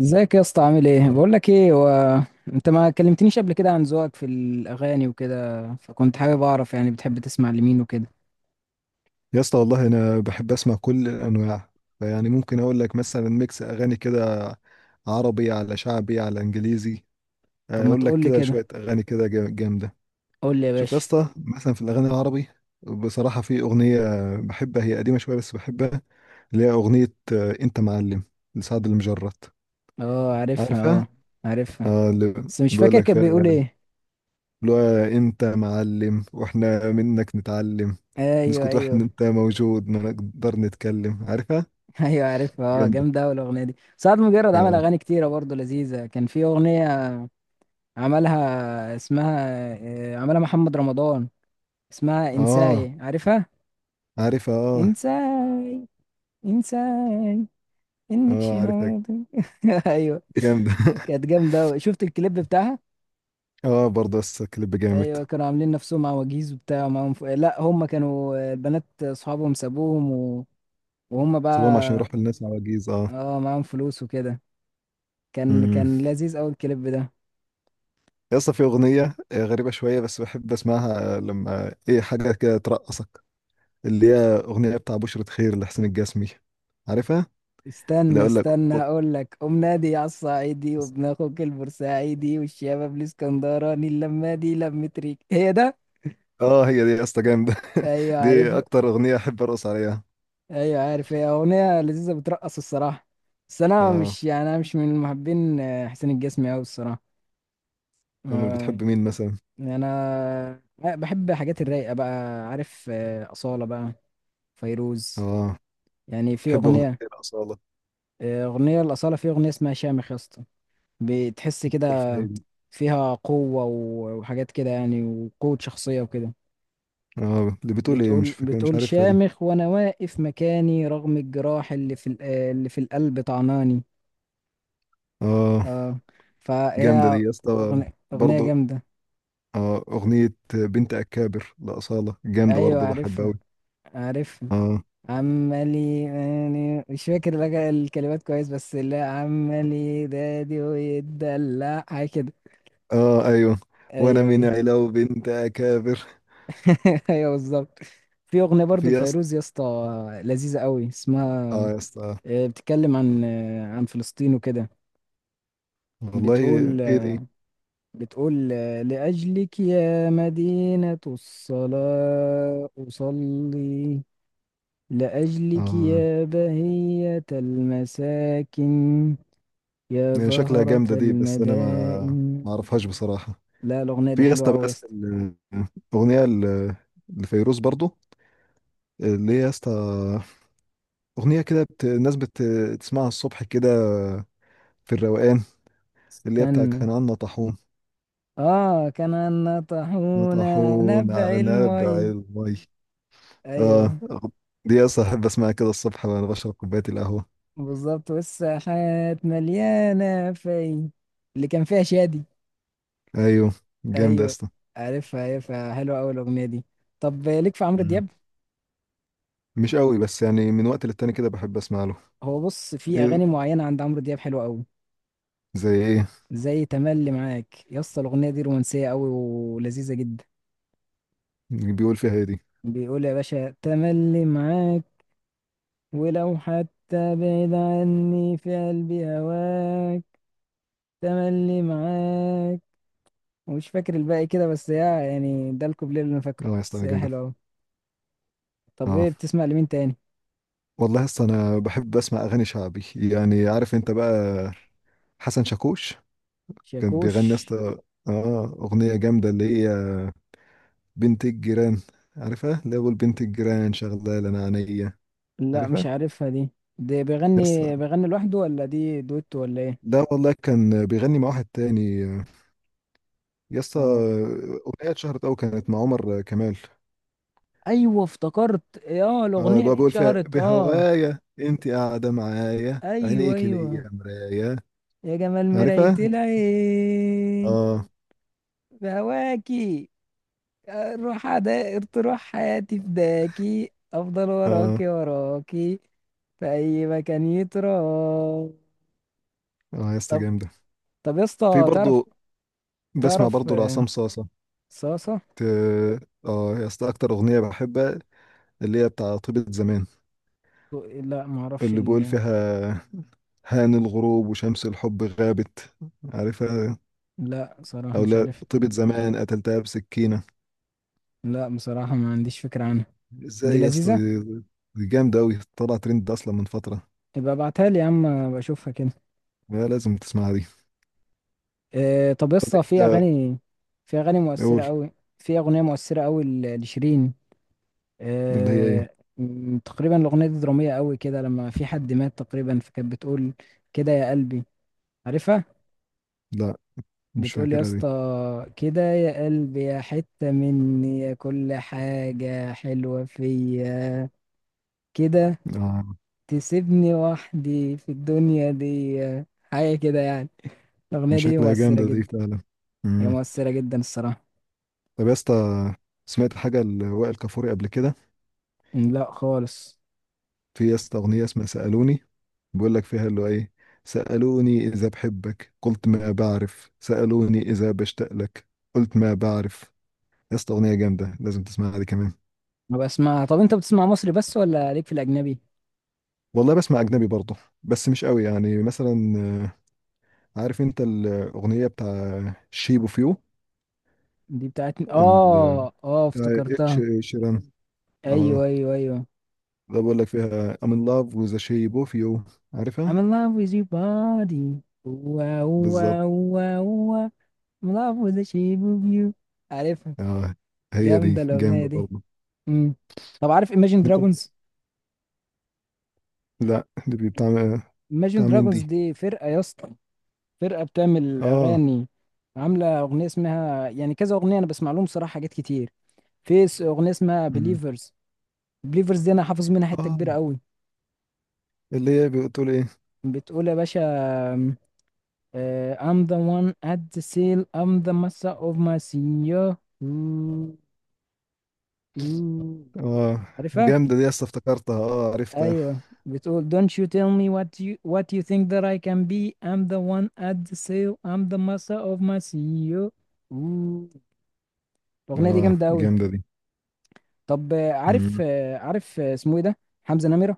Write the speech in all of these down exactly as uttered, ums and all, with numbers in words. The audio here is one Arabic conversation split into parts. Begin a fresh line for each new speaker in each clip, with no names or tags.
ازيك يا اسطى؟ عامل ايه؟ بقول لك ايه، هو انت ما كلمتنيش قبل كده عن ذوقك في الاغاني وكده، فكنت حابب اعرف يعني بتحب تسمع لمين وكده؟
يا اسطى، والله انا بحب اسمع كل الانواع. فيعني ممكن اقول لك مثلا ميكس اغاني كده، عربي على شعبي على انجليزي.
طب ما
اقول لك
تقول لي
كده
كده،
شويه اغاني كده جا- جامده.
قول لي يا
شوف يا
باشا.
اسطى، مثلا في الاغاني العربي بصراحه في اغنيه بحبها، هي قديمه شويه بس بحبها، اللي هي اغنيه آه، انت معلم لسعد المجرد.
اه، عارفها. اه،
عارفها
عارفها.
اه. اللي
بس مش
بيقول
فاكر
لك
كان
فيها
بيقول
اللي
ايه.
هو انت معلم واحنا منك نتعلم،
ايوه،
نسكت واحنا
ايوه.
انت موجود ما نقدر نتكلم. عارفها؟
ايوه، عارفها. اه،
جامده.
جامده اوي الاغنيه دي. سعد مجرد عمل
آه.
اغاني كتيره برضه لذيذه، كان في اغنيه عملها اسمها آه، عملها محمد رمضان، اسمها
اه
انساي، عارفها؟
عارفها اه.
انساي، انساي، انك
اه عارفها.
شهود. ايوه،
جامدة.
كانت جامده أوي. شفت الكليب بتاعها؟
اه، برضه لسه الكليب جامد.
ايوه، كانوا عاملين نفسهم عواجيز وبتاع ومعاهم ف... لا، هم كانوا البنات اصحابهم سابوهم و... وهم بقى،
سيبهم عشان يروحوا للناس عواجيز، اه.
اه، معاهم فلوس وكده. كان
امم
كان لذيذ قوي الكليب ده.
لسه في اغنية آه، غريبة شوية بس بحب اسمعها، آه، لما ايه حاجة كده ترقصك، اللي هي اغنية بتاع بشرة خير لحسين الجسمي. عارفها؟ اللي
استنى
اقول لك.
استنى
أوب.
هقول لك، ام نادي على الصعيدي وابن اخوك البورسعيدي والشباب الاسكندراني، اللمه دي لمة ريك هي ده.
اه، هي دي يا اسطى جامدة.
ايوه، عارف.
دي اكتر اغنية احب ارقص عليها.
ايوه، عارف، هي اغنيه لذيذه بترقص الصراحه. بس انا
اه.
مش، يعني انا مش من محبين آه، حسين الجسمي قوي الصراحه.
امال
آه،
بتحب مين مثلا؟
يعني انا بحب حاجات الرايقه بقى. عارف آه، اصاله بقى، فيروز.
اه.
يعني في
تحب اغنية
اغنيه،
ايه الأصالة؟
آه، اغنيه الاصاله، في اغنيه اسمها شامخ يا اسطى، بتحس
بتقول
كده
فهيدي.
فيها قوه و- وحاجات كده يعني، وقوه شخصيه وكده.
اه اللي بتقول ايه؟ مش
بتقول
فاكر، مش
بتقول
عارفها دي.
شامخ وانا واقف مكاني، رغم الجراح اللي في ال- اللي في القلب طعناني.
اه،
اه،
جامدة
فهي
دي يا اسطى
أغنية, أغنية
برضه.
جامدة.
اه، أغنية بنت أكابر لأصالة جامدة
أيوة
برضه، بحبها
عارفها
أوي.
عارفها
اه،
عمالي، يعني مش فاكر لك الكلمات كويس بس، لا، عمالي دادي ويتدلع حاجة كده.
اه، أيوه. وأنا
أيوة،
من
أيوة.
علاو بنت أكابر.
أيوة بالظبط. في أغنية برضو
في يا اسطى.
لفيروز يا اسطى، لذيذة قوي، اسمها
اه يا اسطى.
آه، بتتكلم عن آه، عن فلسطين وكده.
والله،
بتقول
إيه دي؟
بتقول آه، لأجلك يا مدينة الصلاة أصلي، لأجلك
اه.
يا بهية المساكن، يا
هي شكلها
زهرة
جامدة دي، بس أنا ما
المدائن.
ما أعرفهاش بصراحة.
لا، الأغنية دي
في يا
حلوة
اسطى
أوي يا
بس
اسطى.
ال- الأغنية ال- لفيروز برضه، اللي هي يا اسطى أغنية كده بت... الناس بتسمعها الصبح كده، في الروقان، اللي هي بتاع
استنى،
كنعان طاحون،
آه، كان النطحون،
نطحون
نبع
على نابع
المي.
المي. اه.
أيوه
دي اصلا احب اسمعها كده الصبح وانا بشرب كوبايه القهوه.
بالظبط، والساحات مليانة في، اللي كان فيها شادي.
ايوه، جامد يا
أيوه،
اسطى.
عارفها عارفها حلوة أوي الأغنية دي. طب ليك في عمرو
مم.
دياب؟
مش قوي، بس يعني من وقت للتاني كده بحب اسمع له.
هو بص، في
ايه؟
أغاني معينة عند عمرو دياب حلوة أوي.
زي ايه؟
زي تملي معاك يا اسطى، الاغنيه دي رومانسيه قوي ولذيذه جدا.
بيقول فيها ايه دي؟
بيقول يا باشا، تملي معاك، ولو حتى بعيد عني في قلبي هواك، تملي معاك. ومش فاكر الباقي كده بس، يا يعني ده الكوبليه اللي انا فاكره،
اه يا
بس
اسطى
هي
جامده.
حلوه قوي. طب
اه.
ايه بتسمع لمين تاني؟
والله يا اسطى، انا بحب اسمع اغاني شعبي، يعني عارف انت بقى حسن شاكوش، كان
شاكوش.
بيغني يا اسطى اه اغنيه جامده اللي هي بنت الجيران. عارفها؟ اللي هو بنت الجيران شغاله انا عينيا.
لا مش
عارفها.
عارفها دي. دي
يس،
بيغني بيغني لوحده، ولا دي دويتو ولا ايه؟
ده والله كان بيغني مع واحد تاني يا اسطى،
اه،
أغنية اتشهرت أوي كانت مع عمر كمال.
ايوه افتكرت، اه
اه،
الاغنيه
اللي هو
دي
بيقول فيها:
اتشهرت، اه.
بهوايا انت قاعدة معايا،
ايوه،
عينيك
ايوه،
ليا مرايا.
يا جمال مراية
عارفها؟
العين،
اه.
بهواكي، روح عدائر تروح حياتي فداكي، أفضل
اه.
وراكي، وراكي في أي مكان يتراه.
اه يا اسطى
طب
جامدة.
طب يا
في
اسطى تعرف
برضه، بسمع
تعرف
برضه لعصام صاصة.
صاصة؟
ت- اه يا اسطى، أكتر أغنية بحبها اللي هي بتاع طيبة زمان،
لا ما اعرفش
اللي بيقول
ال...
فيها: هان الغروب وشمس الحب غابت. عارفها؟
لا صراحة
أو:
مش
لا
عارف.
طيبة زمان قتلتها بسكينة.
لا بصراحة ما عنديش فكرة عنها. دي
ازاي يا اسطى
لذيذة؟
دي؟ دي جامدة أوي، طلع ترند ده أصلا من فترة.
يبقى ابعتها لي يا عم بشوفها كده.
لا، لازم تسمعها دي.
آه، طب يا
طب
اسطى، في
أنت
أغاني في أغاني مؤثرة
قول.
أوي، في أغنية مؤثرة أوي ل- لشيرين.
اللي هي إيه؟
آه، م- تقريبا الأغنية دي درامية قوي كده، لما في حد مات تقريبا، فكانت بتقول كده يا قلبي، عارفها؟
لا مش
بتقول يا
فاكرها دي.
اسطى، كده يا قلبي، يا حتة مني، يا كل حاجة حلوة فيا، كده
آه.
تسيبني وحدي في الدنيا دي، حاجة كده يعني. الأغنية
يعني
دي
شكلها
مؤثرة
جامدة دي
جدا.
فعلا.
هي
مم.
مؤثرة جدا الصراحة.
طب يا اسطى، سمعت حاجة لوائل كفوري قبل كده؟
م، لا خالص
في يا اسطى أغنية اسمها سألوني، بيقول لك فيها اللي هو إيه: سألوني إذا بحبك قلت ما بعرف، سألوني إذا بشتاق لك قلت ما بعرف. يا اسطى أغنية جامدة، لازم تسمعها دي كمان.
ما بسمعها. طب انت بتسمع مصري بس ولا ليك في الأجنبي؟
والله بسمع أجنبي برضه، بس مش قوي، يعني مثلا عارف انت الاغنيه بتاع شيب اوف يو،
دي بتاعتني،
ال
اه، اه،
بتاع اتش
افتكرتها.
شيران. اه.
ايوه، ايوه، ايوه.
ده بقول لك فيها I'm in love with the shape of you. عارفها؟
I'm in love with your body، واو
بالظبط.
واو واو واو. I'm in love with the shape of you، عارفها؟
اه، هي
جامدة
دي جامده
الأغنية دي.
برضه.
امم طب عارف Imagine
انت.
Dragons؟
لا، دي بتاع.
Imagine
بتاع مين
Dragons
دي؟
دي فرقة يا اسطى، فرقة بتعمل
اه.
أغاني، عاملة أغنية اسمها، يعني كذا أغنية أنا بسمع لهم صراحة حاجات كتير. في س- أغنية اسمها
مم.
Believers. Believers دي أنا حافظ منها حتة
اه،
كبيرة قوي.
اللي هي بتقول ايه؟
بتقول يا باشا، Uh, I'm the one at the sail. I'm the master of my senior. Ooh, ooh.
اه،
عارفها؟
جامده دي، لسه افتكرتها، اه عرفتها.
أيوة بتقول، Don't you tell me what you what you think that I can be. I'm the one at the sail. I'm the master of my senior. Ooh. الأغنية دي
اه،
جامدة أوي.
جامده دي.
طب آه، عارف
مم.
آه، عارف آه، اسمه إيه ده؟ حمزة نمرة؟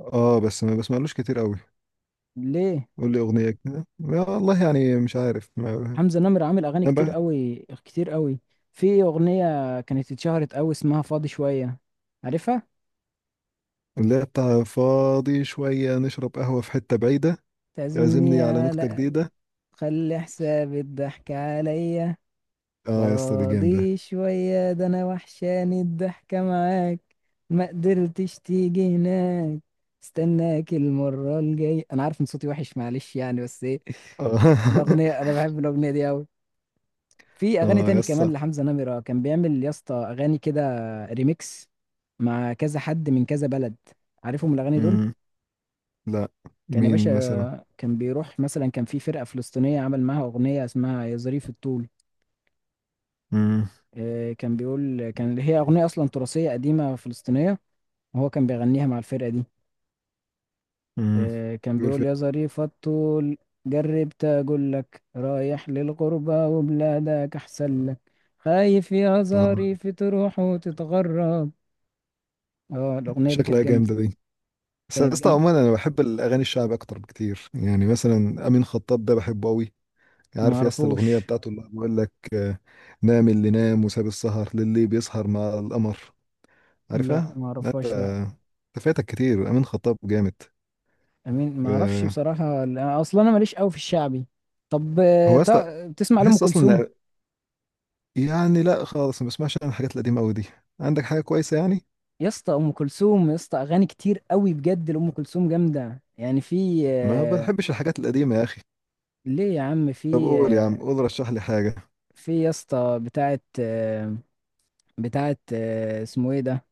اه، بس ما بسمعلوش كتير قوي.
ليه؟
قول لي اغنيه كده، والله يعني مش عارف ما.
حمزة نمرة عامل أغاني كتير أوي، كتير أوي. في أغنية كانت اتشهرت أوي اسمها فاضي شوية، عارفها؟
لا. بتاع فاضي شوية نشرب قهوة في حتة بعيدة، يعزمني
تعزمني
على نكتة
على،
جديدة.
خلي حساب الضحك عليا،
اه يا اسطى دي جامدة.
فاضي شوية ده، أنا وحشاني الضحكة معاك، ما قدرتش تيجي هناك، استناك المرة الجاية، أنا عارف إن صوتي وحش معلش يعني، بس إيه
اه.
الأغنية، أنا بحب الأغنية دي أوي. في أغاني
اه يا
تاني
اسطى.
كمان لحمزة نمرة كان بيعمل يا اسطى، أغاني كده ريميكس مع كذا حد من كذا بلد، عارفهم الأغاني دول؟
مم. لا.
كان يا
مين مثلا؟
باشا، كان بيروح مثلا، كان في فرقة فلسطينية عمل معاها أغنية اسمها يا ظريف الطول.
مم.
آه، كان بيقول، كان هي أغنية أصلا تراثية قديمة فلسطينية، وهو كان بيغنيها مع الفرقة دي.
مم.
آه، كان
بيقول
بيقول،
فين؟
يا ظريف الطول جربت أقول لك، رايح للغربة وبلادك أحسن لك، خايف يا
اه.
ظريف تروح وتتغرب. اه، الأغنية دي
شكلها
كانت جامدة.
جامدة دي، بس يا
كانت
اسطى
جامدة.
عموما انا بحب الاغاني الشعب اكتر بكتير، يعني مثلا امين خطاب ده بحبه قوي.
ما
عارف يا اسطى الاغنية
أعرفوش.
بتاعته اللي بيقول لك آه، نام اللي نام وساب السهر للي بيسهر مع القمر؟
لا
عارفها؟
ما
لا، انت
أعرفهاش، لا.
انت فاتك كتير، امين خطاب جامد.
أمين ما أعرفش
آه،
بصراحة، لا، أصلا أنا ماليش قوي في الشعبي. طب آه،
هو اصلا
تع- تسمع لأم
بحس اصلا
كلثوم؟
إن- يعني لا خالص، ما بسمعش انا الحاجات القديمه قوي دي. عندك حاجه كويسه يعني؟
يا اسطى ام كلثوم يا اسطى، اغاني كتير قوي بجد لام كلثوم جامده، يعني في
ما
آه،
بحبش الحاجات القديمه يا اخي.
ليه يا عم،
طب
في
قول يا عم،
آه،
قول رشح لي حاجه.
في يا اسطى بتاعه آه، بتاعه آه، اسمه ايه ده.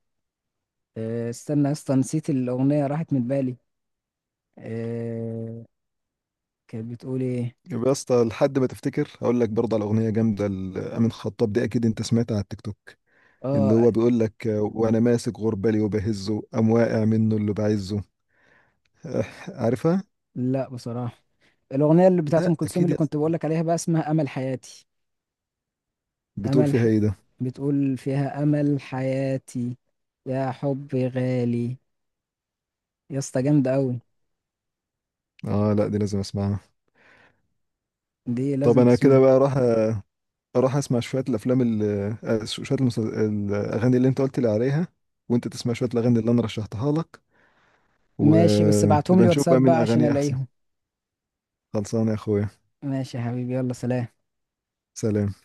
آه، استنى يا اسطى، نسيت الاغنيه، راحت من بالي. آه، كانت بتقول ايه.
يبقى يا اسطى، لحد ما تفتكر هقول لك برضه على اغنيه جامده لامين خطاب، دي اكيد انت سمعتها على التيك توك، اللي
اه،
هو بيقول لك آه، وانا ماسك غربالي وبهزه قام واقع منه اللي بعزه. آه، عارفها؟
لا بصراحه. الاغنيه اللي بتاعه ام
لا
كلثوم
اكيد
اللي
يا
كنت
اسطى،
بقول لك عليها بقى، اسمها امل حياتي.
بتقول
امل
فيها
ح...
ايه ده؟
بتقول فيها، امل حياتي، يا حبي غالي، يا اسطى جامده قوي.
اه، لا دي لازم اسمعها.
دي
طب
لازم
انا كده
تسمعها.
بقى راح راح اسمع شويه الافلام ال- آه، شويه المس- الاغاني اللي انت قلت لي عليها، وانت تسمع شويه الاغاني اللي انا رشحتها لك،
ماشي، بس ابعتهم
ونبقى
لي
نشوف بقى
واتساب
مين
بقى عشان
اغاني احسن.
الاقيهم.
خلصان يا اخويا.
ماشي يا حبيبي، يلا سلام.
سلام.